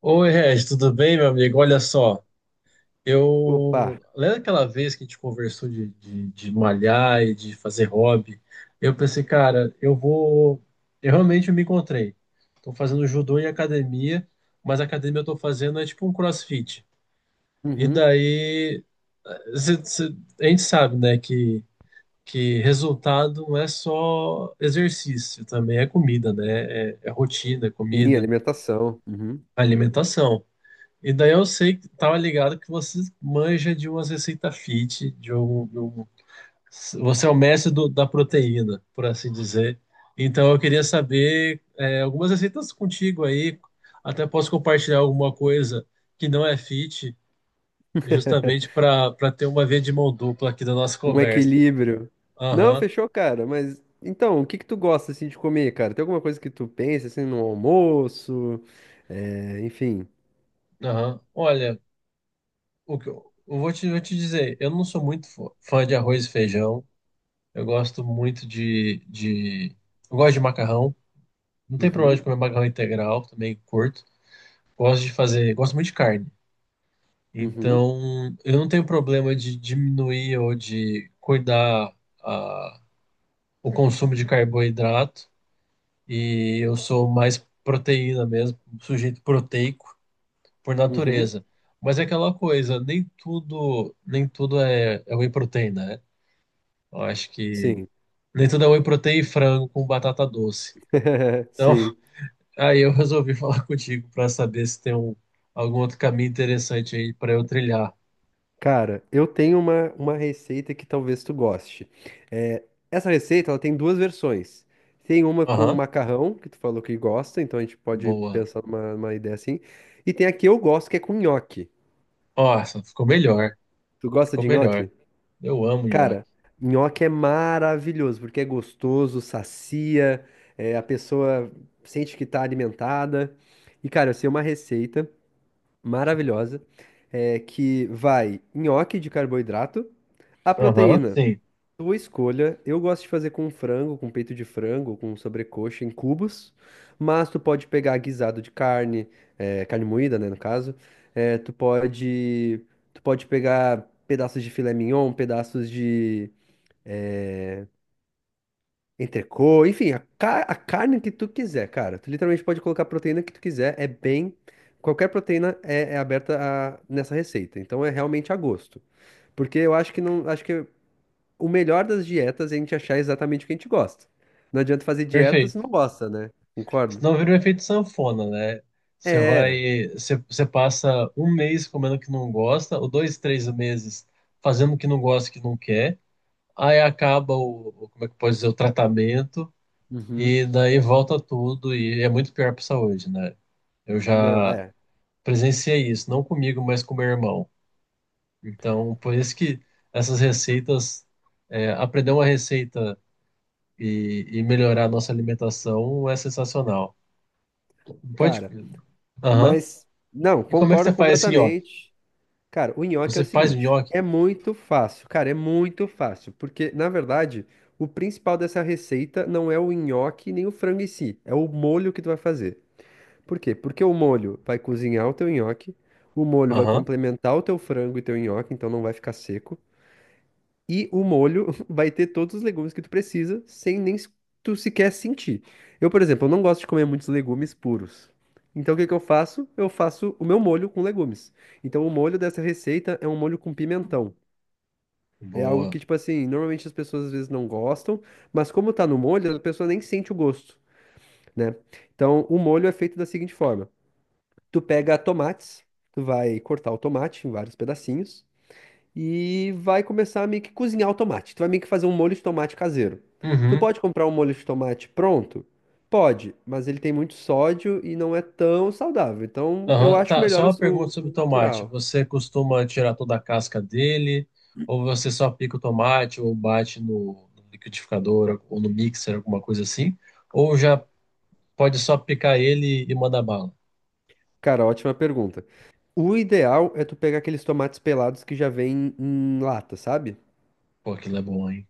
Oi, Regi, tudo bem, meu amigo? Olha só, Opa. eu. Lembra aquela vez que a gente conversou de malhar e de fazer hobby? Eu pensei, cara, eu vou. Eu realmente me encontrei. Tô fazendo judô em academia, mas a academia eu tô fazendo é tipo um crossfit. E Uhum. daí. cê- cê- a gente sabe, né, que resultado não é só exercício, também é comida, né? É rotina, é Sim, comida, alimentação. Uhum. alimentação. E daí eu sei que tava ligado que você manja de umas receitas fit, você é o mestre da proteína, por assim dizer. Então eu queria saber algumas receitas contigo aí, até posso compartilhar alguma coisa que não é fit, justamente para ter uma via de mão dupla aqui da nossa Um conversa. equilíbrio. Não, Aham, fechou, cara. Mas então, o que que tu gosta assim de comer, cara? Tem alguma coisa que tu pensa assim no almoço? É, enfim. aham. Olha, o que eu vou vou te dizer, eu não sou muito fã de arroz e feijão. Eu gosto muito de eu gosto de macarrão. Não tem problema de Uhum, comer macarrão integral, também curto. Gosto de fazer, gosto muito de carne. uhum, Então, eu não tenho problema de diminuir ou de cuidar a, o consumo de carboidrato. E eu sou mais proteína mesmo, um sujeito proteico por uhum. natureza. Mas é aquela coisa, nem tudo, nem tudo é whey protein, né? Eu acho que Sim. nem tudo é whey protein e frango com batata doce. Então, Sim. aí eu resolvi falar contigo para saber se tem algum outro caminho interessante aí para eu trilhar. Cara, eu tenho uma receita que talvez tu goste. É, essa receita, ela tem duas versões. Tem uma com Aham, macarrão, que tu falou que gosta, então a gente pode boa. pensar numa, numa ideia assim. E tem a que eu gosto, que é com nhoque. Nossa, ficou melhor. Tu gosta Ficou de melhor. nhoque? Eu amo nhoque. Cara, nhoque é maravilhoso, porque é gostoso, sacia, é, a pessoa sente que tá alimentada. E, cara, eu sei uma receita maravilhosa, é, que vai nhoque de carboidrato, a Aham, proteína. sim. Tua escolha. Eu gosto de fazer com frango, com peito de frango, com sobrecoxa em cubos, mas tu pode pegar guisado de carne, carne moída, né, no caso. Eh, tu pode, tu pode pegar pedaços de filé mignon, pedaços de eh, entrecô, enfim, a carne que tu quiser, cara. Tu literalmente pode colocar a proteína que tu quiser. É bem, qualquer proteína é, é aberta a- nessa receita. Então é realmente a gosto, porque eu acho que não, acho que o melhor das dietas é a gente achar exatamente o que a gente gosta. Não adianta fazer dieta se Perfeito. não gosta, né? Concordo? Senão vira um efeito sanfona, né? Você É. vai, você passa um mês comendo o que não gosta, ou dois, três meses fazendo o que não gosta, o que não quer. Aí acaba como é que pode dizer, o tratamento, Uhum. e daí volta tudo, e é muito pior para a saúde, né? Eu Não, já, é. presenciei isso, não comigo, mas com meu irmão. Então, por isso que essas receitas, é, aprender uma receita e melhorar a nossa alimentação é sensacional. Pode. Cara, Aham. mas. Não, E como é que você concordo faz esse nhoque? completamente. Cara, o nhoque é o Você faz o seguinte: nhoque? é muito fácil, cara, é muito fácil. Porque, na verdade, o principal dessa receita não é o nhoque nem o frango em si, é o molho que tu vai fazer. Por quê? Porque o molho vai cozinhar o teu nhoque, o molho vai Aham. complementar o teu frango e teu nhoque, então não vai ficar seco. E o molho vai ter todos os legumes que tu precisa, sem nem se- tu sequer sentir. Eu, por exemplo, eu não gosto de comer muitos legumes puros. Então, o que que eu faço? Eu faço o meu molho com legumes. Então, o molho dessa receita é um molho com pimentão. É algo Boa. que, tipo assim, normalmente as pessoas às vezes não gostam, mas como tá no molho, a pessoa nem sente o gosto, né? Então, o molho é feito da seguinte forma: tu pega tomates, tu vai cortar o tomate em vários pedacinhos e vai começar a meio que cozinhar o tomate. Tu vai meio que fazer um molho de tomate caseiro. Tu Uhum. pode comprar um molho de tomate pronto? Pode, mas ele tem muito sódio e não é tão saudável. Então eu Aham. acho Tá, só melhor uma pergunta sobre o o tomate. natural. Você costuma tirar toda a casca dele? Ou você só pica o tomate ou bate no liquidificador ou no mixer, alguma coisa assim? Ou já pode só picar ele e mandar bala. Cara, ótima pergunta. O ideal é tu pegar aqueles tomates pelados que já vem em lata, sabe? Pô, aquilo é bom, hein?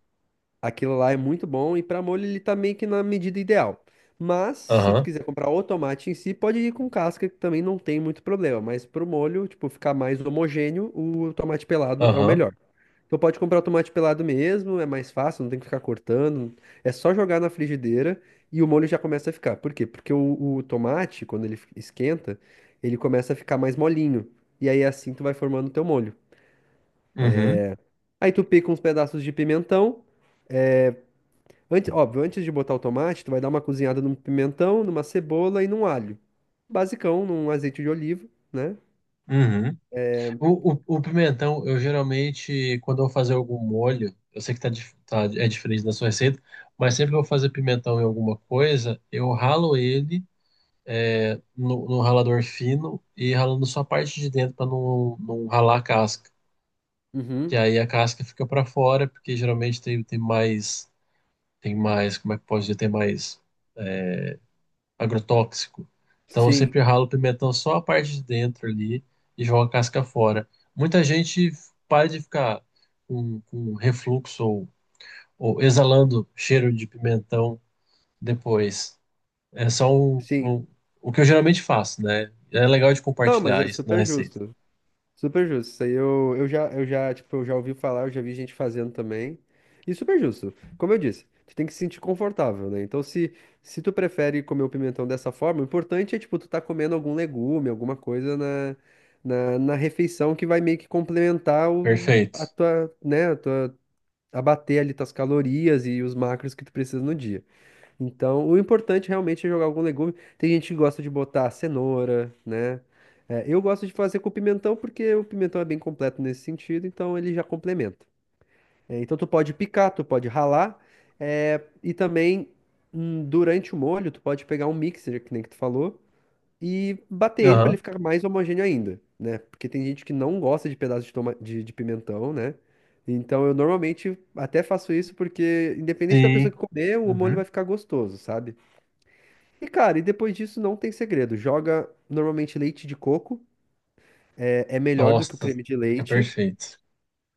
Aquilo lá é muito bom e para molho ele tá meio que na medida ideal. Mas se tu Aham, quiser comprar o tomate em si, pode ir com casca que também não tem muito problema, mas pro molho, tipo, ficar mais homogêneo, o tomate pelado é o aham, melhor. Então pode comprar o tomate pelado mesmo, é mais fácil, não tem que ficar cortando, é só jogar na frigideira e o molho já começa a ficar. Por quê? Porque o tomate, quando ele esquenta, ele começa a ficar mais molinho. E aí assim tu vai formando o teu molho. uhum, Aí tu pica uns pedaços de pimentão. Antes, óbvio, antes de botar o tomate, tu vai dar uma cozinhada num pimentão, numa cebola e num alho. Basicão, num azeite de oliva, né? uhum. O pimentão, eu geralmente, quando eu vou fazer algum molho, eu sei que tá, é diferente da sua receita, mas sempre que eu vou fazer pimentão em alguma coisa, eu ralo ele eh, no ralador fino e ralando só a parte de dentro para não ralar a casca. Uhum. Que aí a casca fica para fora, porque geralmente como é que pode dizer, tem mais agrotóxico. Então eu Sim, sempre ralo o pimentão só a parte de dentro ali e jogo a casca fora. Muita gente para de ficar com refluxo ou exalando cheiro de pimentão depois. É só sim. O que eu geralmente faço, né? É legal de Não, mas compartilhar é isso na super receita. justo. Super justo. Isso aí tipo, eu já ouvi falar, eu já vi gente fazendo também. E super justo. Como eu disse, tu tem que se sentir confortável, né? Então, se tu prefere comer o pimentão dessa forma, o importante é, tipo, tu tá comendo algum legume, alguma coisa na refeição que vai meio que complementar o, a Perfeito. tua, né, a tua abater ali tuas calorias e os macros que tu precisa no dia. Então, o importante realmente é jogar algum legume. Tem gente que gosta de botar cenoura, né? É, eu gosto de fazer com pimentão porque o pimentão é bem completo nesse sentido, então ele já complementa. É, então tu pode picar, tu pode ralar, é, e também durante o molho tu pode pegar um mixer, que nem que tu falou, e bater ele para ele Aham. ficar mais homogêneo ainda, né? Porque tem gente que não gosta de pedaço de pimentão, né? Então eu normalmente até faço isso porque, independente da pessoa que Sim. comer, o molho vai Uhum. ficar gostoso, sabe? E cara, e depois disso não tem segredo. Joga normalmente leite de coco, é, é melhor do que o Nossa, creme de fica leite. perfeito.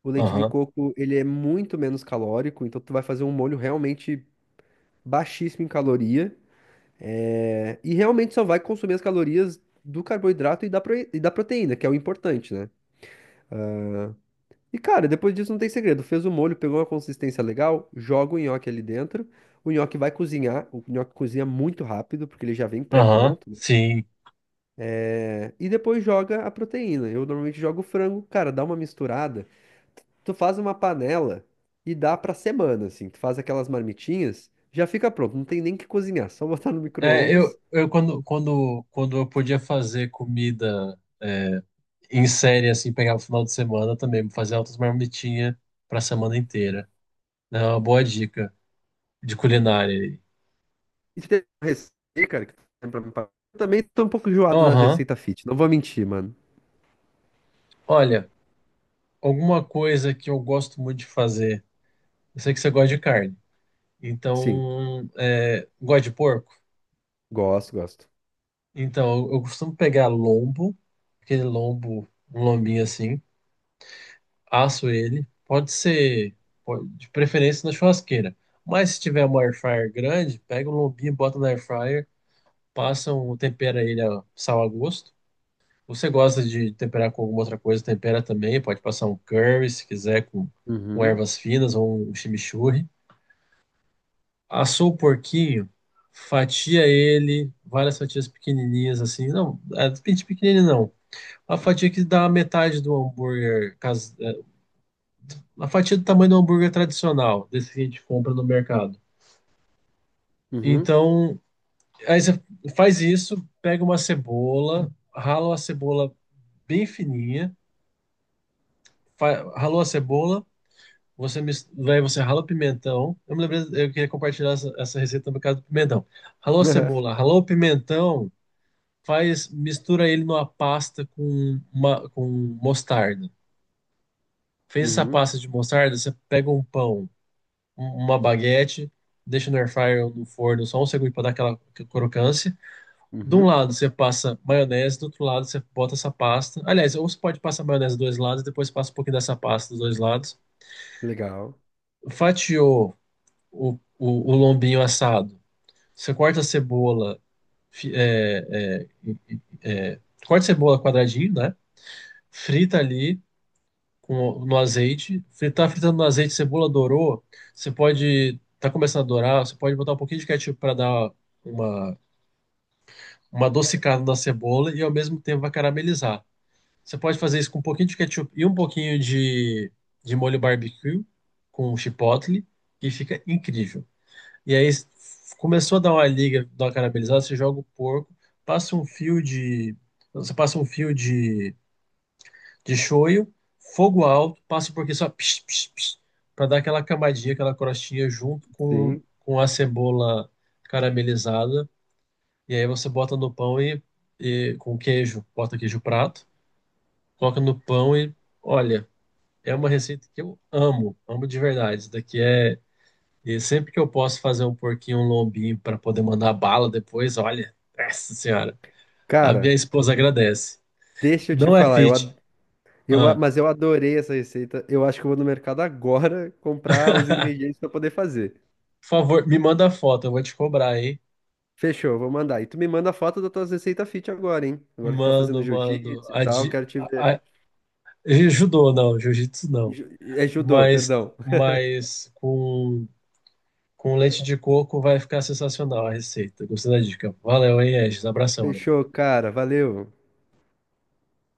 O leite de Aham. coco, ele é muito menos calórico, então tu vai fazer um molho realmente baixíssimo em caloria. É, e realmente só vai consumir as calorias do carboidrato e e da proteína, que é o importante, né? E cara, depois disso não tem segredo. Fez o molho, pegou uma consistência legal, joga o nhoque ali dentro. O nhoque vai cozinhar, o nhoque cozinha muito rápido, porque ele já vem Aham. pré-pronto, né? Sim. É, e depois joga a proteína. Eu normalmente jogo o frango, cara, dá uma misturada. Tu faz uma panela e dá pra semana, assim. Tu faz aquelas marmitinhas, já fica pronto, não tem nem que cozinhar, só botar no É, micro-ondas. Quando eu podia fazer comida é, em série, assim, pegava o final de semana também, fazer altas marmitinhas pra semana inteira. É uma boa dica de culinária aí. E se tem uma receita, cara, que tá eu também tô um pouco enjoado das Aham. receitas fit. Não vou mentir, mano. Olha, alguma coisa que eu gosto muito de fazer. Eu sei que você gosta de carne. Sim, Então, é, gosta de porco? gosto, gosto. Então, eu costumo pegar lombo, aquele lombo, um lombinho assim. Asso ele. Pode ser, de preferência na churrasqueira. Mas se tiver uma air fryer grande, pega um lombinho, bota na air fryer, passa um, tempera ele a sal a gosto. Você gosta de temperar com alguma outra coisa, tempera também. Pode passar um curry, se quiser, com Uhum, ervas finas ou um chimichurri. Assou o porquinho, fatia ele, várias fatias pequenininhas assim. Não, é, pequenininho não. A fatia que dá a metade do hambúrguer a fatia do tamanho do hambúrguer tradicional, desse que a gente compra no mercado. uhum, Então, aí você faz isso, pega uma cebola, rala a cebola bem fininha, ralou a cebola, daí você rala o pimentão. Eu me lembrei, eu queria compartilhar essa receita no caso do pimentão. Ralou a cebola, ralou o pimentão, faz, mistura ele numa pasta com, uma, com mostarda. Fez essa uhum, pasta de mostarda, você pega uma baguete, deixa no air fryer ou no forno só um segundo para dar aquela crocância. De um uhum. lado você passa maionese, do outro lado você bota essa pasta. Aliás, ou você pode passar maionese dos dois lados, depois passa um pouquinho dessa pasta dos dois lados. Legal. Fatiou o, o lombinho assado. Você corta a cebola, fi- é, é, corta a cebola quadradinho, né? Frita ali. Com, no azeite. Fritar fritando no azeite, cebola dourou. Você pode, tá começando a dourar, você pode botar um pouquinho de ketchup para dar uma, uma adocicada na cebola e ao mesmo tempo vai caramelizar. Você pode fazer isso com um pouquinho de ketchup e um pouquinho de molho barbecue com chipotle e fica incrível. E aí começou a dar uma liga, dar uma caramelizada, você joga o porco, passa você passa um fio de shoyu, fogo alto, passa porque só para dar aquela camadinha, aquela crostinha junto Sim. com a cebola caramelizada. E aí você bota no pão e com queijo, bota queijo prato, coloca no pão e olha, é uma receita que eu amo, amo de verdade. Isso daqui é e sempre que eu posso fazer um porquinho, um lombinho para poder mandar bala depois, olha, nossa senhora, a minha Cara, esposa agradece. deixa eu te Não é falar, eu, ad- fit. eu, a- Ah. mas eu adorei essa receita. Eu acho que eu vou no mercado agora comprar os ingredientes pra poder fazer. Por favor, me manda a foto, eu vou te cobrar, hein? Fechou, vou mandar. E tu me manda a foto das tuas receitas fit agora, hein? Agora que tá fazendo Mando, mando. jiu-jitsu e A, tal, di- quero te ver. a- judô não, jiu-jitsu não. É judô, Mas, perdão. Com leite de coco vai ficar sensacional a receita. Gostei da dica. Valeu, hein, Regis? Abração, amigo. Fechou, cara. Valeu.